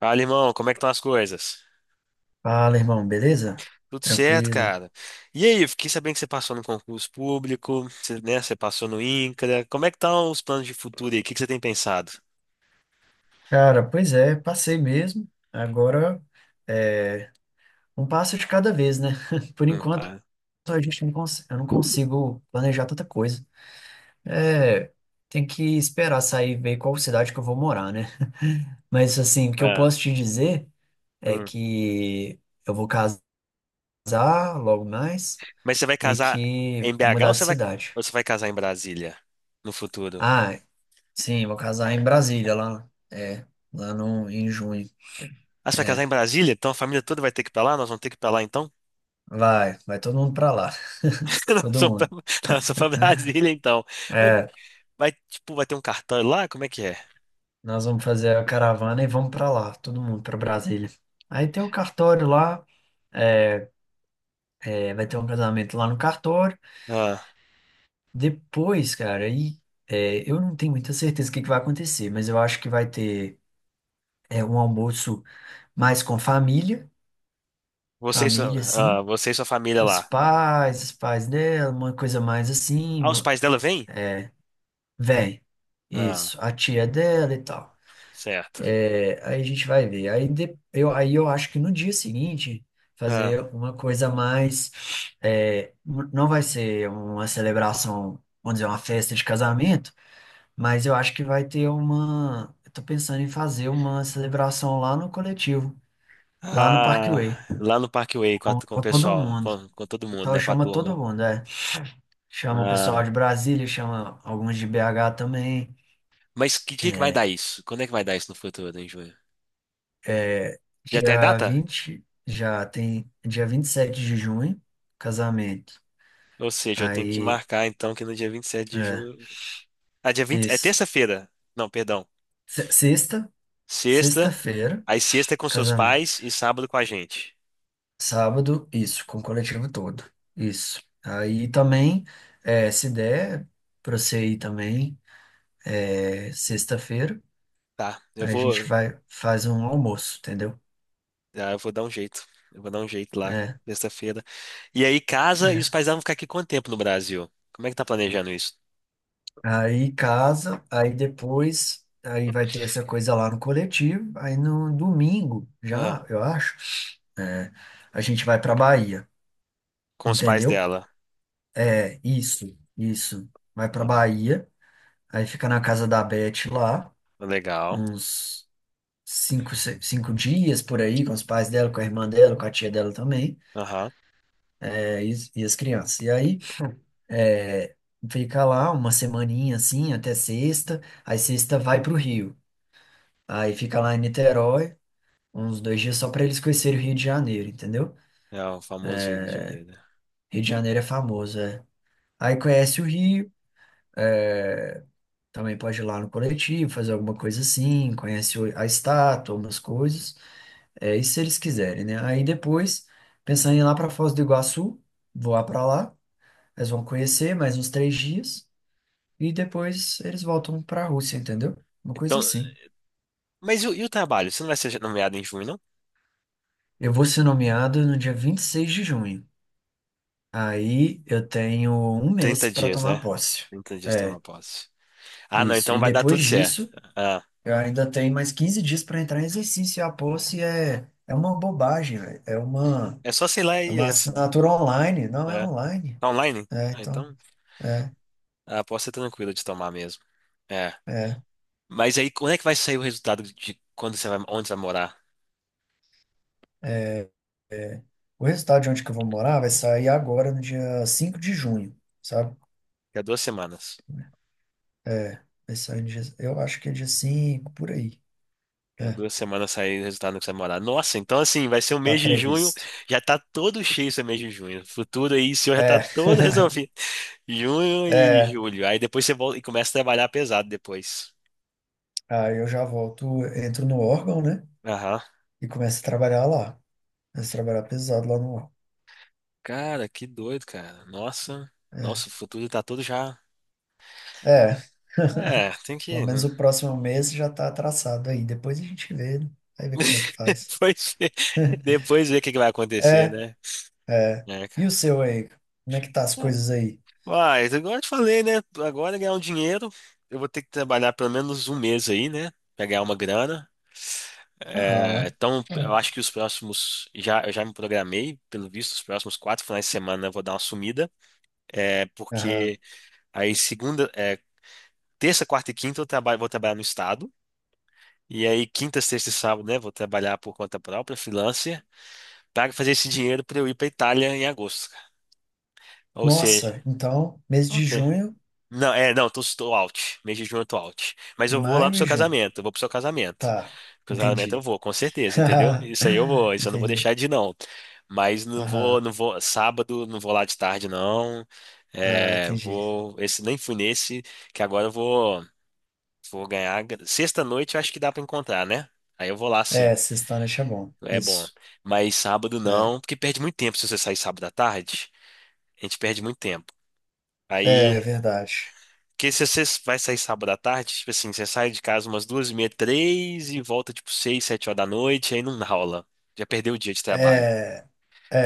Fala, irmão, como é que estão as coisas? Fala, irmão, beleza? Tudo certo, Tranquilo. cara. E aí, eu fiquei sabendo que você passou no concurso público, você, né, você passou no INCRA. Como é que estão os planos de futuro aí? O que que você tem pensado? Cara, pois é, passei mesmo. Agora é um passo de cada vez, né? Por enquanto, Pá. a gente não cons- eu não consigo planejar tanta coisa. É, tem que esperar sair e ver qual cidade que eu vou morar, né? Mas assim, o que eu Ah, posso te dizer é hum. que eu vou casar logo mais Mas você vai e casar que em vou BH mudar ou de cidade. ou você vai casar em Brasília no futuro? Ah, sim, vou casar em Brasília, lá, é, lá no, em junho. Ah, você vai casar É, em Brasília? Então a família toda vai ter que ir pra lá? Nós vamos ter que ir pra lá então? vai, vai todo mundo pra lá. Nós Todo vamos mundo. pra, Nós vamos pra Brasília então. Mas É, vai, tipo, vai ter um cartão lá? Como é que é? nós vamos fazer a caravana e vamos pra lá, todo mundo pra Brasília. Aí tem o cartório lá, é, vai ter um casamento lá no cartório. Ah, Depois, cara, eu não tenho muita certeza do que vai acontecer, mas eu acho que vai ter um almoço mais com família, você e sua, família assim, você e sua família os lá. pais, os pais dela, uma coisa mais assim, Ah, os pais dela vêm? véi, Ah, isso, a tia dela e tal. certo. É, aí a gente vai ver. Aí, eu acho que no dia seguinte, Ah, fazer uma coisa mais. Não vai ser uma celebração, vamos dizer, uma festa de casamento, mas eu acho que vai ter uma. Eu tô pensando em fazer uma celebração lá no coletivo, lá no ah, Parkway, lá no Parkway com, a, com, com o com todo pessoal, mundo. com todo mundo, Então né? Com a chama todo turma. mundo, é. Chama o pessoal de Ah, Brasília, chama alguns de BH também. mas que dia que vai dar isso? Quando é que vai dar isso no futuro, em junho? É, Já tem a Dia data? 20 já tem dia 27 de junho, casamento. Ou seja, eu tenho que Aí, marcar então que no dia 27 de é, junho. Ah, dia 20 é isso. terça-feira. Não, perdão. Se- Sexta, Sexta. sexta-feira, Aí sexta é com seus casamento. pais e sábado com a gente. Sábado, isso, com o coletivo todo. Isso. Aí também, se der pra você ir também, sexta-feira, Tá, eu aí a gente vou, vai, faz um almoço, entendeu? ah, eu vou dar um jeito. Eu vou dar um jeito lá, É, sexta-feira. E aí casa e os pais vão ficar aqui quanto tempo no Brasil? Como é que tá planejando isso? aí casa, aí depois, aí vai ter essa coisa lá no coletivo. Aí no domingo, já, eu acho, é, a gente vai pra Bahia, Com os pais entendeu? dela. É, isso, isso. Vai pra Ah, Bahia, aí fica na casa da Beth lá, legal. uns cinco, se- cinco dias por aí, com os pais dela, com a irmã dela, com a tia dela também, Aham. é, e, e as crianças. E aí, é, fica lá uma semaninha assim, até sexta, aí sexta vai pro Rio. Aí fica lá em Niterói, uns 2 dias só pra eles conhecerem o Rio de Janeiro, entendeu? É o famoso Rio de Janeiro. Rio de Janeiro é famoso, é. Aí conhece o Rio, também pode ir lá no coletivo, fazer alguma coisa assim, conhece a estátua, umas coisas, é isso se eles quiserem, né? Aí depois, pensando em ir lá pra Foz do Iguaçu, voar pra lá, eles vão conhecer mais uns 3 dias e depois eles voltam pra Rússia, entendeu? Uma coisa Então, assim. mas e o trabalho? Você não vai ser nomeado em junho, não? Eu vou ser nomeado no dia 26 de junho. Aí eu tenho um mês Trinta para dias, tomar né? posse. Trinta dias tomar posse. Ah, não, Isso. então E vai dar depois tudo certo. disso, Ah, eu ainda tenho mais 15 dias para entrar em exercício. E a Pulse é uma bobagem, velho. É uma, é só sei lá é uma e assinar. assinatura online. Não é É. online. Tá online? É, Ah, então, então é, a posse é tranquila de tomar mesmo. É. é, Mas aí, quando é que vai sair o resultado de quando você vai, onde você vai morar? é. O resultado de onde que eu vou morar vai sair agora, no dia 5 de junho, sabe? Daqui a duas semanas. É, vai sair no dia, eu acho que é dia 5 por aí. Fica É, duas semanas saindo o resultado que você vai morar. Nossa, então assim, vai ser o tá mês de junho, previsto. já tá todo cheio esse mês de junho. Futuro aí, o senhor já tá É, todo resolvido. Junho e é. julho. Aí depois você volta e começa a trabalhar pesado depois. Aí eu já volto, entro no órgão, né? Aham. E começo a trabalhar lá. Começo a trabalhar pesado lá no órgão. Cara, que doido, cara. Nossa, É. nossa, o futuro tá todo já. É, É, tem que pelo menos o próximo mês já está traçado aí. Depois a gente vê, né? Vai ver como é que faz. depois ver, depois ver o que que vai acontecer, É, né? é. É, E o cara. seu aí? Como é que tá as coisas aí? Mas, agora eu te falei, né? Agora ganhar um dinheiro, eu vou ter que trabalhar pelo menos um mês aí, né? Pra ganhar uma grana. É, Aham. então, É. eu acho que os próximos. Já, eu já me programei, pelo visto, os próximos quatro finais de semana eu vou dar uma sumida. É, Aham. porque aí, segunda, terça, quarta e quinta eu trabalho, vou trabalhar no estado. E aí, quinta, sexta e sábado, né? Vou trabalhar por conta própria, freelancer, para fazer esse dinheiro para eu ir para Itália em agosto. Ou seja, Nossa, então, mês de ok. junho, Não, não, tô out. Mês de junho eu tô out. Mas eu vou lá pro maio e seu junho. casamento, eu vou pro seu casamento. Tá, Pro seu casamento eu entendi. vou, com certeza, entendeu? Isso aí eu vou, isso eu não vou Entendi. deixar de ir, não. Mas não vou, Aham, não vou, sábado não vou lá de tarde, não. ah, É, entendi. vou, esse, nem fui nesse, que agora eu vou ganhar. Sexta-noite eu acho que dá pra encontrar, né? Aí eu vou lá sim, É, sexta-noite é bom. é bom. Isso. Mas sábado É, não, porque perde muito tempo se você sair sábado à tarde. A gente perde muito tempo. é Aí verdade. porque se você vai sair sábado à tarde, tipo assim, você sai de casa umas duas e meia, três e volta tipo seis, sete horas da noite, aí não dá rola. Já perdeu o dia de trabalho. É, é,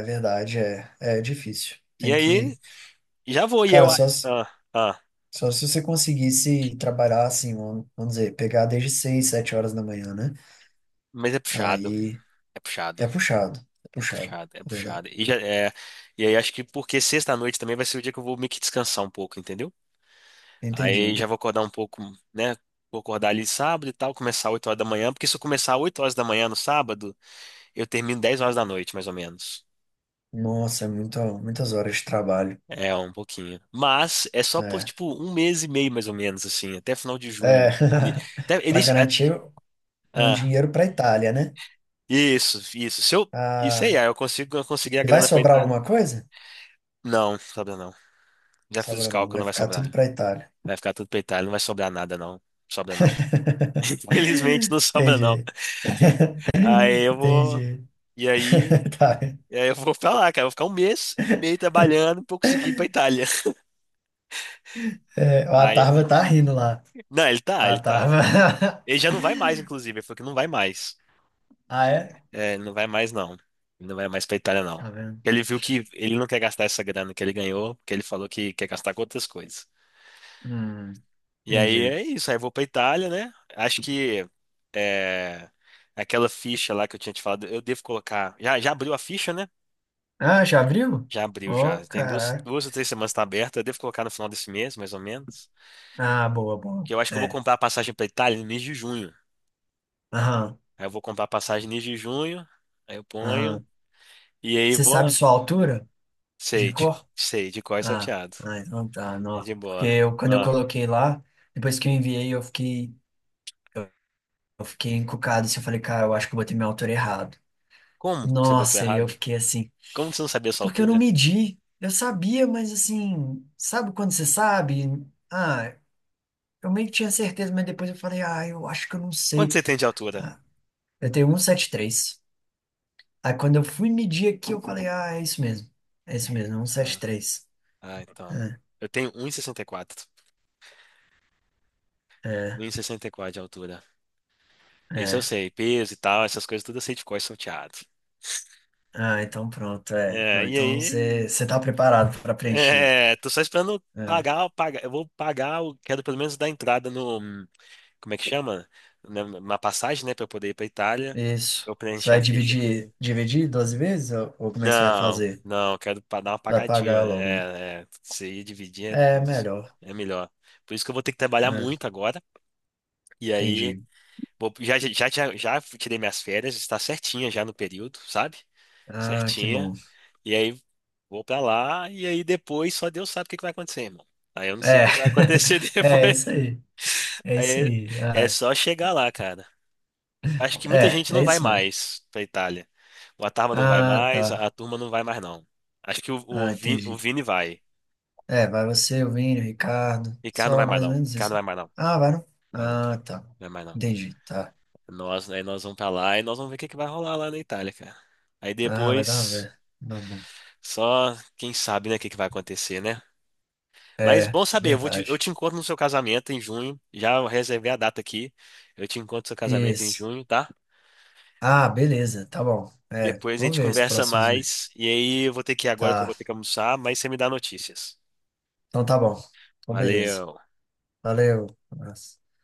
é verdade. É, é difícil. E Tem aí, que. já vou, e Cara, eu. Ah, só. ah, Só se você conseguisse trabalhar assim, vamos dizer, pegar desde seis, sete horas da manhã, né? mas é puxado, Aí é é puxado, puxado, é puxado, é é verdade. puxado. E, já, é, e aí acho que porque sexta-noite também vai ser o dia que eu vou meio que descansar um pouco, entendeu? Aí Entendi. já vou acordar um pouco, né? Vou acordar ali sábado e tal, começar oito horas da manhã, porque se eu começar oito horas da manhã no sábado, eu termino dez horas da noite, mais ou menos. Nossa, é muitas horas de trabalho. É, um pouquinho. Mas é só por, É. tipo, um mês e meio, mais ou menos, assim, até final de É. junho. Ni- Até, Para início, ah, garantir o ah, dinheiro para Itália, né? isso, isso. Se eu, isso aí, Ah, ah, eu consigo, eu consegui a e vai grana pra sobrar Itália. alguma coisa? Não, sobra não. Já fiz os Sobra não, cálculos, vai não vai ficar tudo sobrar. para Itália. Vai ficar tudo pra Itália, não vai sobrar nada, não. Sobra não. Infelizmente, não sobra não. Entendi, Aí eu vou, entendi. e aí, Tá. e aí eu vou pra lá, cara. Eu vou ficar um mês e meio trabalhando pra eu conseguir ir pra Itália. É, a Aí, Tarva tá rindo lá. não, ele tá, A ele tá. Tarva. Ele já não vai mais, inclusive. Ele falou que não vai mais. Ah, é? É, ele não vai mais, não. Ele não vai mais pra Itália, não. Tá vendo? Ele viu que ele não quer gastar essa grana que ele ganhou, porque ele falou que quer gastar com outras coisas. Hum, E aí Entendi. é isso, aí eu vou pra Itália, né? Acho que é, aquela ficha lá que eu tinha te falado, eu devo colocar. Já, já abriu a ficha, né? Ah, já abriu? Já abriu, já. Oh, Tem duas, caraca. duas ou três semanas que tá aberta, eu devo colocar no final desse mês, mais ou menos. Ah, boa, boa. Que eu acho que eu vou É. comprar a passagem pra Itália no mês de junho. Aham, Aí eu vou comprar a passagem no mês de junho, aí eu ponho, aham. e aí Você sabe vou. sua altura de Sei, de- cor? sei, de cor e Ah, salteado. ah, então tá, não. De Porque boa. eu, quando eu Ah, coloquei lá, depois que eu enviei, eu fiquei encucado. Assim, eu falei, cara, eu acho que eu botei minha altura errado. como que você botou Nossa, e eu errado? fiquei assim, Como você não sabia a sua porque eu não altura? medi. Eu sabia, mas assim, sabe quando você sabe? Ah, eu meio que tinha certeza, mas depois eu falei, ah, eu acho que eu não Quanto sei. você tem de altura? Eu tenho 173. Aí quando eu fui medir aqui, eu falei, ah, é isso mesmo. É isso mesmo, é Ah, 173. ah, então. É, Eu tenho um sessenta e quatro, um é, e sessenta e quatro de altura. Isso eu é. sei. Peso e tal, essas coisas tudo eu sei de cor salteado. Ah, então pronto, é. É, Não, e então você aí? você tá preparado para preencher. É, tô só esperando É, pagar, pagar. Eu vou pagar, eu quero pelo menos dar entrada no. Como é que chama? Na, na passagem, né? Pra eu poder ir pra Itália. Pra isso. eu Você preencher vai a ficha pra. dividir 12 vezes ou como é que você vai Não, fazer? não, quero pa- dar uma Vai pagadinha. pagar logo, né? É, é, se ir dividir é, É, não, melhor. é melhor. Por isso que eu vou ter que trabalhar É, muito agora. E aí, entendi. vou- já tirei minhas férias, está certinha já no período, sabe? Ah, que Certinha. bom. E aí, vou pra lá. E aí, depois, só Deus sabe o que que vai acontecer, irmão. Aí eu não sei o É, que que vai acontecer é depois. isso aí. É isso Aí aí. é é Ah, só chegar lá, cara. Acho que muita é, gente é não vai isso mesmo. mais pra Itália. O Atarva não vai Ah, mais, a tá. turma não vai mais, não. Acho que o, Ah, o Vini, o entendi. Vini vai. É, vai você, o Vini, o Ricardo. Ricardo não Só vai mais, mais ou não. menos Ricardo isso. não vai mais, não. Ah, vai não? Vai não. Ah, tá. Vai mais, não. Entendi, tá. Nós, aí nós vamos pra lá e nós vamos ver o que que vai rolar lá na Itália, cara. Aí Ah, vai dar uma depois, ver. Não, bom. só quem sabe, né, o que que vai acontecer, né? É, Mas é bom saber, eu verdade. te encontro no seu casamento em junho. Já reservei a data aqui. Eu te encontro no seu casamento em Isso. junho, tá? Ah, beleza, tá bom. É, Depois a vamos gente ver os conversa próximos. Mais. E aí eu vou ter que ir agora que eu vou Tá. ter que almoçar, mas você me dá notícias. Então tá bom. Então beleza. Valeu. Valeu. Um abraço.